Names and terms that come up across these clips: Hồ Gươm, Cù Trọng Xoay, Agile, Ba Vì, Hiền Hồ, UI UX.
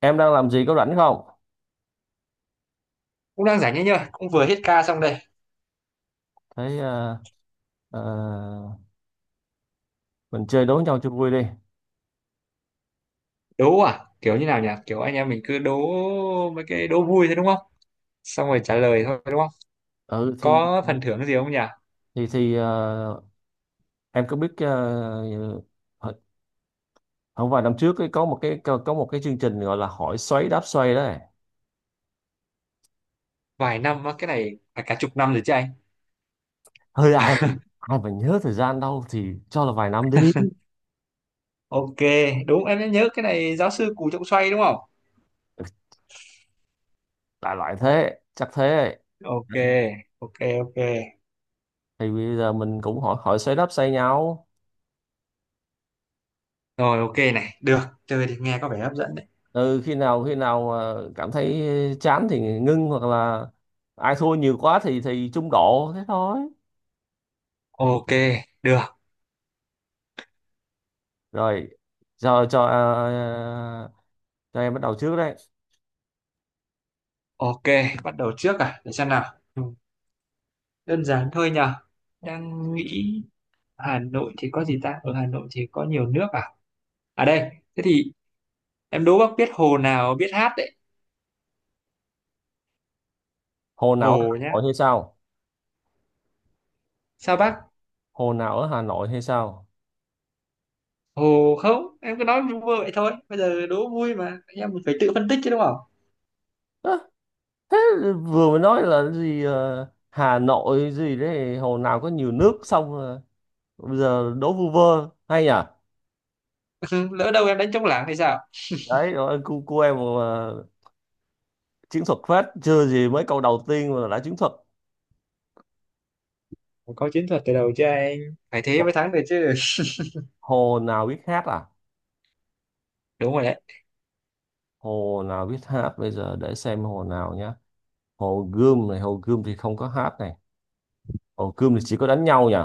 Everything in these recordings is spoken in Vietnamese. Em đang làm gì, có rảnh không? Cũng đang rảnh ấy nhờ, cũng vừa hết ca xong đây. Thấy ờ, mình chơi đố nhau cho vui đi. Đố à, kiểu như nào nhỉ? Kiểu anh em mình cứ đố mấy cái đố vui thôi đúng không? Xong rồi trả lời thôi đúng không? Ừ thì Có phần thưởng gì không nhỉ? thì thì ờ, em có biết không, vài năm trước ấy, có một cái, có một cái chương trình gọi là Hỏi Xoáy Đáp Xoay đấy. Vài năm á, cái này phải cả chục năm rồi chứ anh. Hơi ai mà nhớ thời gian đâu, thì cho là vài năm đi. OK, đúng, em nhớ cái này giáo sư Cù Trọng Xoay đúng không? Ừ, đại loại thế, chắc thế. OK. OK. OK. Thì bây giờ mình cũng hỏi, hỏi xoáy đáp xoay nhau. Rồi, OK, này được. Chơi thì nghe có vẻ hấp dẫn đấy. Ừ, khi nào cảm thấy chán thì ngưng, hoặc là ai thua nhiều quá thì trung độ thế thôi. OK, được. Rồi, giờ cho cho em bắt đầu trước đấy. OK, bắt đầu trước à, để xem nào. Ừ. Đơn giản thôi nhờ, đang nghĩ. Hà Nội thì có gì ta, ở Hà Nội thì có nhiều nước à. À đây, thế thì em đố bác biết hồ nào biết hát đấy. Hồ nào ở Hà Hồ nhá. Nội hay sao? Sao bác? Hồ nào ở Hà Nội hay sao? Hồ không, em cứ nói vui vậy thôi. Bây giờ đố vui mà, em phải tự phân tích chứ đúng không? Ơ, thế vừa mới nói là gì, Hà Nội gì đấy, hồ nào có nhiều nước, xong bây giờ đố vu vơ hay nhỉ? Lỡ đâu em đánh trống lảng hay sao? Đấy, rồi cô cu em mà chiến thuật phết, chưa gì mấy câu đầu tiên mà đã chiến thuật. Phải có chiến thuật từ đầu chứ anh. Phải thế mới Hồ, thắng được chứ. hồ nào biết hát à? Đúng rồi đấy, Hồ nào biết hát, bây giờ để xem hồ nào nhá. Hồ Gươm này, hồ Gươm thì không có hát này. Hồ Gươm thì chỉ có đánh nhau nhỉ?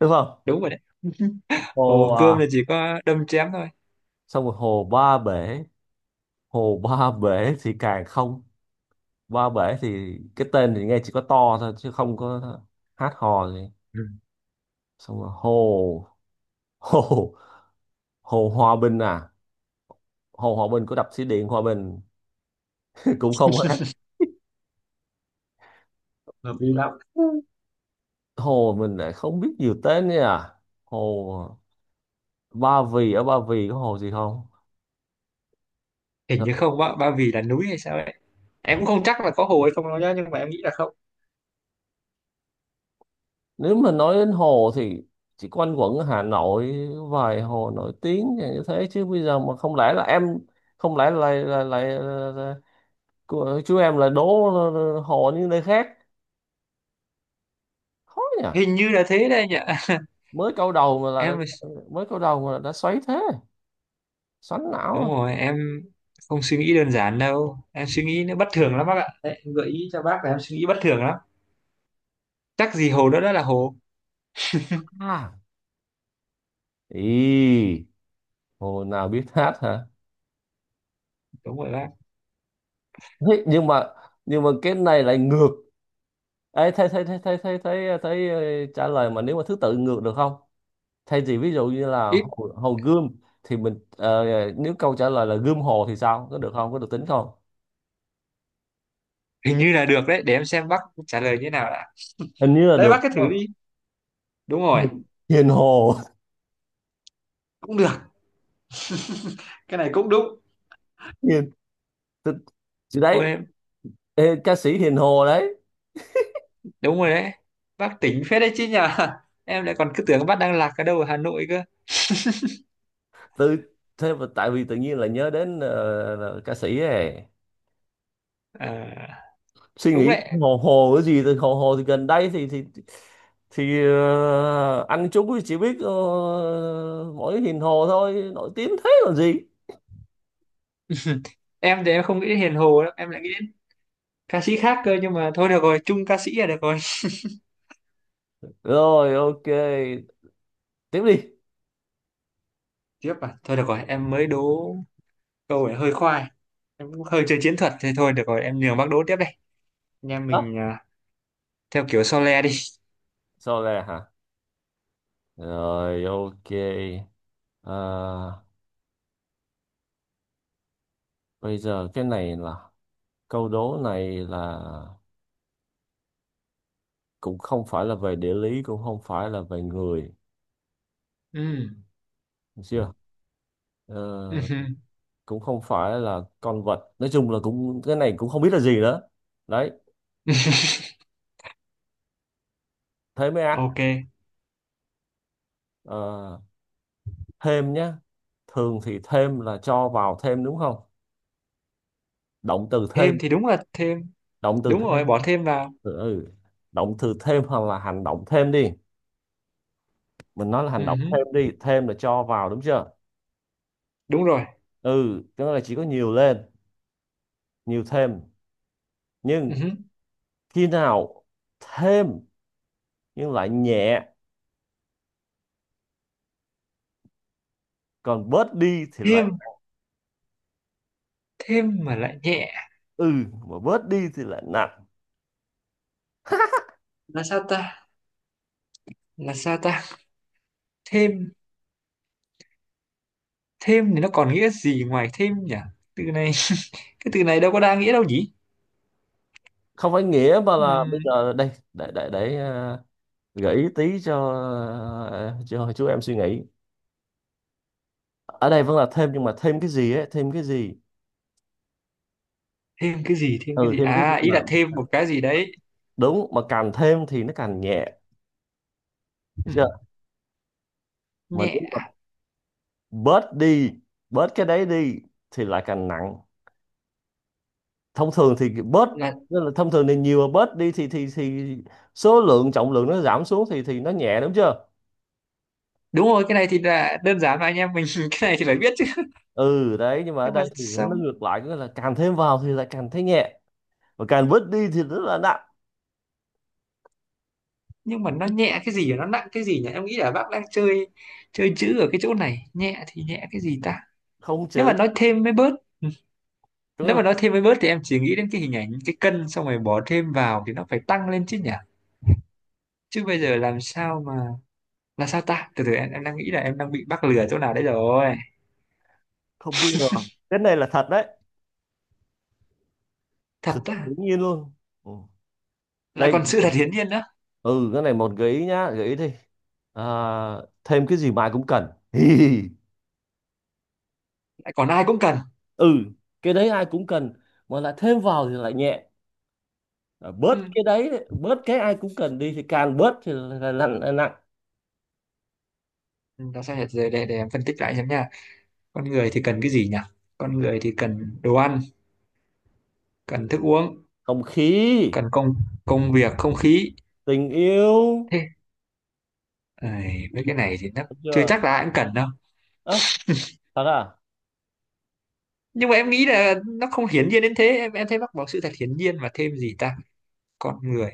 Đúng không? đúng rồi đấy. Hồ Hồ à, Gươm là chỉ có đâm chém thôi. xong rồi hồ Ba Bể, hồ Ba Bể thì càng không, Ba Bể thì cái tên thì nghe chỉ có to thôi chứ không có hát hò gì. Ừ, Xong rồi hồ hồ hồ Hòa Bình à, hồ Hòa Bình của đập thủy điện Hòa Bình cũng không hát. hợp lý lắm. Hồ mình lại không biết nhiều tên nha. Hồ Ba Vì, ở Ba Vì có hồ gì không? Hình như không, bác, Ba Vì là núi hay sao đấy. Em cũng không chắc là có hồ hay không đâu nhá, nhưng mà em nghĩ là không. Nếu mà nói đến hồ thì chỉ quanh quẩn ở Hà Nội vài hồ nổi tiếng như thế, chứ bây giờ mà không lẽ là em, không lẽ là là, chú em là đố hồ như nơi khác. Khó nhỉ. Hình như là thế đây nhỉ. mới câu đầu mà là đã, Em, mới câu đầu mà là đã xoáy thế, xoắn đúng não. rồi em không suy nghĩ đơn giản đâu, em suy nghĩ nó bất thường lắm bác ạ. Đấy, em gợi ý cho bác là em suy nghĩ bất thường lắm. Chắc gì hồ đó đã là hồ. À ý hồ nào biết hát hả? Đúng rồi bác. Thế nhưng mà, cái này lại ngược. Ê, thấy thấy thấy thấy thấy thấy thấy ờ, trả lời mà nếu mà thứ tự ngược được không? Thay vì ví dụ như là Ít. Hồ Gươm, thì mình nếu câu trả lời là Gươm Hồ thì sao, có được không, có được tính không? Hình như là được đấy, để em xem bác trả lời như thế nào đã. Hình như là Đấy được bác cứ thử đúng đi. không? Đúng rồi. Hiền Hiền Hồ. Cũng được, cái này cũng đúng. Hiền tự- chị Ôi đấy, em. ê, ca sĩ Hiền Hồ đấy. Đúng rồi đấy, bác tỉnh phết đấy chứ nhờ. Em lại còn cứ tưởng bác đang lạc ở đâu ở Hà Nội cơ. tự thế mà tại vì tự nhiên là nhớ đến là ca sĩ ấy. À, Suy đúng nghĩ đấy. hồ hồ cái gì thì hồ hồ thì gần đây thì anh chúng chỉ biết mỗi Hiền Hồ thôi, nổi tiếng thế còn gì. Em thì em không nghĩ đến Hiền Hồ đâu, em lại nghĩ đến ca sĩ khác cơ, nhưng mà thôi được rồi, chung ca sĩ là được rồi. Rồi, ok, tiếp đi. Tiếp à, thôi được rồi em mới đố. Câu này hơi khoai. Em cũng hơi chơi chiến thuật thế thôi, được rồi em nhường bác đố tiếp đây. Anh em mình à, theo kiểu Sole đi. Sau này hả? Rồi, ok. À, bây giờ cái này là, câu đố này là cũng không phải là về địa lý, cũng không phải là về người, Ừ. được chưa? Ờ, cũng không phải là con vật. Nói chung là cũng cái này cũng không biết là gì nữa. Đấy, thế mới ác. OK. Ờ, thêm nhá. Thường thì thêm là cho vào thêm đúng không? Động từ thêm, Thêm thì đúng là thêm. động từ Đúng thêm. rồi, bỏ thêm vào. Ừ, động từ thêm hoặc là hành động thêm đi. Mình nói là hành động Ừ. thêm đi, thêm là cho vào đúng chưa? Đúng rồi. Ừ, cái đó là chỉ có nhiều lên, nhiều thêm. Ừ. Nhưng khi nào thêm nhưng lại nhẹ, còn bớt đi thì lại, Thêm, thêm mà lại nhẹ ừ, mà bớt đi thì lại nặng. là sao ta? Là sao ta? Thêm, thêm thì nó còn nghĩa gì ngoài thêm nhỉ? Từ này, cái từ này đâu có đa nghĩa đâu nhỉ. Không phải nghĩa, mà là bây Ừm, giờ đây để gợi ý tí cho cho chú em suy nghĩ. Ở đây vẫn là thêm, nhưng mà thêm cái gì ấy, thêm cái gì? Thêm cái gì, thêm cái Ừ, gì, thêm cái gì à ý mà là thêm một cái gì đấy. đúng mà càng thêm thì nó càng nhẹ. Được Ừm, chưa? Mà Nhẹ đúng mà bớt đi, bớt cái đấy đi thì lại càng nặng. Thông thường thì bớt, là, nên là thông thường thì nhiều, mà bớt đi thì số lượng, trọng lượng nó giảm xuống thì nó nhẹ đúng chưa? đúng rồi cái này thì là đơn giản mà anh em mình cái này thì phải biết chứ. Ừ đấy, nhưng mà ở Nhưng mà đây thì nó sao, ngược lại, có nghĩa là càng thêm vào thì lại càng thấy nhẹ, và càng bớt đi thì rất là nặng. nhưng mà nó nhẹ cái gì và nó nặng cái gì nhỉ? Em nghĩ là bác đang chơi, chơi chữ ở cái chỗ này. Nhẹ thì nhẹ cái gì ta? Không Nếu mà chữ. nói thêm mới bớt. Ừ. Có nghĩa Nếu là, mà nói thêm mới bớt thì em chỉ nghĩ đến cái hình ảnh cái cân, xong rồi bỏ thêm vào thì nó phải tăng lên chứ nhỉ. Chứ bây giờ làm sao mà, là sao ta? Từ từ em đang nghĩ là em đang bị bác lừa chỗ nào đấy rồi. không, đúng rồi, cái này là thật đấy. Sự Thật thật ta? hiển nhiên luôn. Ừ. Lại Đây, còn sự thật hiển nhiên nữa. ừ, cái này một gợi ý nhá, gợi ý đi. À, thêm cái gì mà ai cũng cần. Lại còn ai cũng cần. Ừ, cái đấy ai cũng cần, mà lại thêm vào thì lại nhẹ. Ờ, Ừ. bớt cái đấy, bớt cái ai cũng cần đi thì càng bớt thì là nặng, là nặng. Ừ, là sao nhỉ, để em phân tích lại xem nha. Con người thì cần cái gì nhỉ? Con người thì cần đồ ăn, cần thức uống, Không khí, cần công, công việc, không khí. tình yêu. Thế. Ầy, mấy cái này thì nó Được chưa chưa? chắc là ai cũng cần đâu. À, thật à? Nhưng mà em nghĩ là nó không hiển nhiên đến thế Em thấy bác bảo sự thật hiển nhiên, và thêm gì ta? Con người,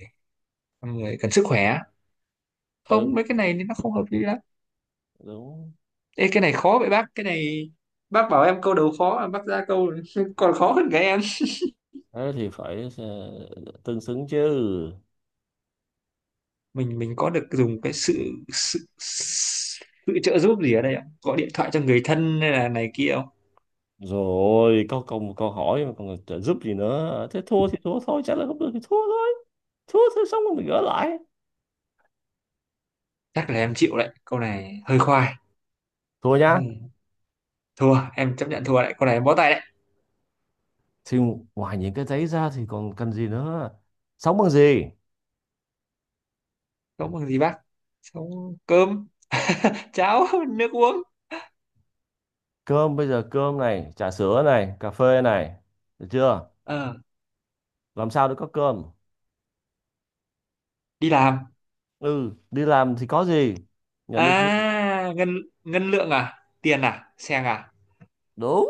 con người cần sức khỏe. Ừ, Không, mấy cái này thì nó không hợp lý lắm. đúng. Ê, cái này khó vậy bác. Cái này bác bảo em câu đầu khó à? Bác ra câu còn khó hơn cái em. Thế thì phải tương xứng chứ. Mình có được dùng cái sự sự sự trợ giúp gì ở đây không? Gọi điện thoại cho người thân hay là này kia không? Rồi, có câu câu hỏi mà còn trợ giúp gì nữa, thế thua thì thua thôi, chắc là không được thì thua thôi. Thua thôi, xong rồi mình gỡ lại. Chắc là em chịu đấy, câu này hơi khoai. Thua Câu nhá. này thua, em chấp nhận thua đấy, câu này em bó tay đấy. Thì ngoài những cái đấy ra thì còn cần gì nữa, sống bằng gì? Sống bằng gì bác? Sống cơm cháo, nước uống. Cơm, bây giờ cơm này, trà sữa này, cà phê này, được chưa? Ờ. Làm sao để có cơm? Đi làm. Ừ, đi làm thì có gì? Nhận À được lương. ngân, ngân lượng à, tiền à, xe à. Đúng.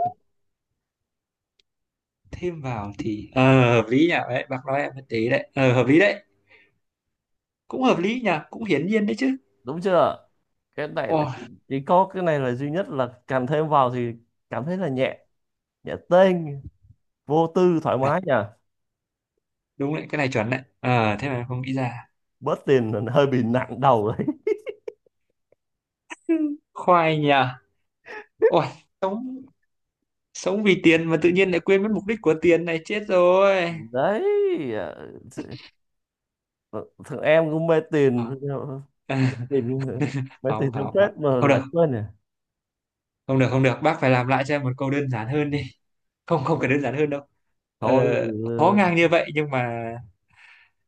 Thêm vào thì, hợp lý nhỉ, đấy bác nói em mới tí đấy, hợp lý đấy. Cũng hợp lý nhỉ, cũng hiển nhiên đấy chứ. Đúng chưa? Cái này là, Ôi. chỉ có cái này là duy nhất là càng thêm vào thì cảm thấy là nhẹ, nhẹ tênh, vô tư thoải Thật. mái nhỉ. Đúng đấy, cái này chuẩn đấy, thế mà em không nghĩ ra. Bớt tiền là hơi bị nặng đầu đấy. Khoai nhỉ. Ôi, sống, sống vì tiền mà tự nhiên lại quên mất mục đích của tiền, này chết rồi. Đấy, ờ, th- thằng em cũng mê Không. tiền. tiền Mê tiền Không, theo không, không. phết mà Không lại được, quên nè. không được, không được bác, phải làm lại cho em một câu đơn giản hơn đi. Không, không cần đơn giản hơn đâu. ờ, Thôi, Khó ờ, ngang như vậy, nhưng mà,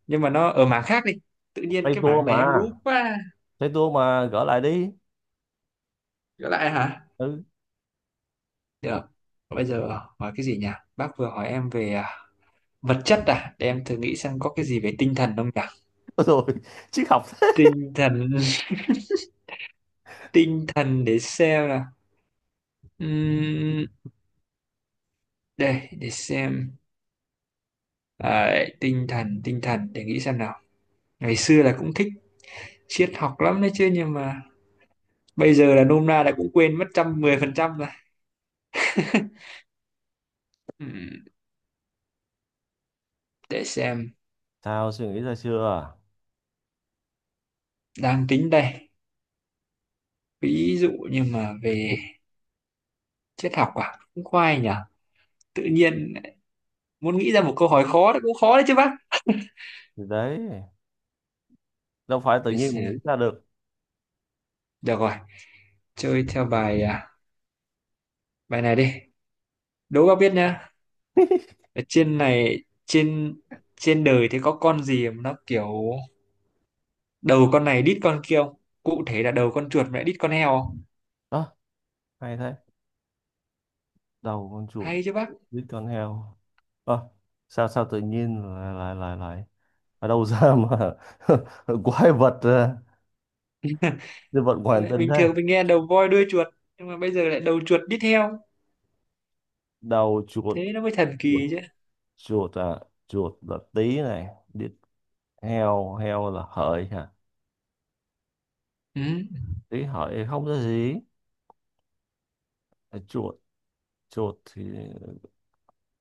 nhưng mà nó ở mảng khác đi. Tự nhiên tay cái tua mảng này em mà. lú quá. Thấy tôi mà gỡ lại đi. Trở lại hả? Ừ. Được, bây giờ hỏi cái gì nhỉ? Bác vừa hỏi em về à, vật chất à, để em thử nghĩ xem có cái gì về tinh thần không nhỉ. Rồi, triết học thế. Tinh thần. Tinh thần để xem là, Ừm, đây để xem. À, tinh thần, tinh thần, để nghĩ xem nào. Ngày xưa là cũng thích triết học lắm đấy chứ, nhưng mà bây giờ là nôm na là cũng quên mất 110% rồi. Ừm, để xem, Sao, suy nghĩ ra chưa? À? đang tính đây. Ví dụ như mà về triết học à, cũng khoai nhỉ. Tự nhiên muốn nghĩ ra một câu hỏi khó thì cũng khó đấy chứ bác. Thì đấy, đâu phải tự Để nhiên mà nghĩ xem, ra được. được rồi, chơi theo bài à, bài này đi. Đố bác biết nhá, ở trên này, trên, trên đời thì có con gì mà nó kiểu đầu con này đít con kia không? Cụ thể là đầu con chuột mà lại đít con heo không. Đó, hay thế. Đầu con chuột, Hay chứ bác. biết con heo. Ờ, sao, sao tự nhiên lại lại lại lại ở đâu ra mà quái vật à, nhân vật ngoài hành Lại tinh bình thường thế? mình nghe đầu voi đuôi chuột, nhưng mà bây giờ lại đầu chuột đi theo. Đầu chuột, Thế nó mới thần chuột, kỳ chứ. chuột à, chuột là tí này, đít heo, heo là hợi hả? Ừ. Tí hợi không có gì. Chuột, chuột thì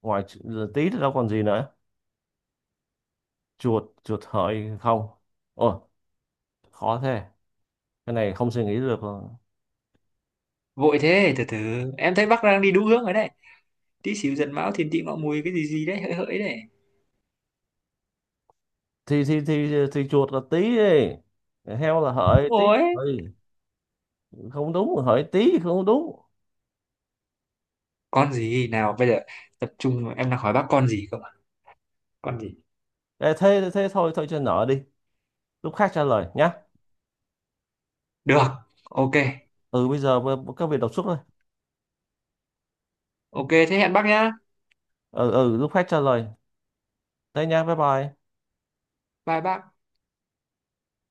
ngoài tí thì đâu còn gì nữa. Chuột, chuột hợi không, ôi khó thế, cái này không suy nghĩ được. Vội thế, từ từ. Em thấy bác đang đi đúng hướng rồi đấy. Tí, xíu, giận, mão, thiền, tị, ngọ, mùi cái gì gì đấy, hỡi, hỡi đấy. Thì chuột là tí ấy. Heo là hợi, tí Ôi. hợi không đúng, hợi tí không đúng. Con gì nào bây giờ, tập trung em đang hỏi bác con gì không ạ. Con gì? Ê, thế thế thôi thôi cho nợ đi, lúc khác trả lời nhá. Được, OK. Ừ, bây giờ các vị đọc suốt thôi. OK, thế hẹn bác nhá. Ừ lúc khác trả lời. Thế nha, bye bye. Bye bác.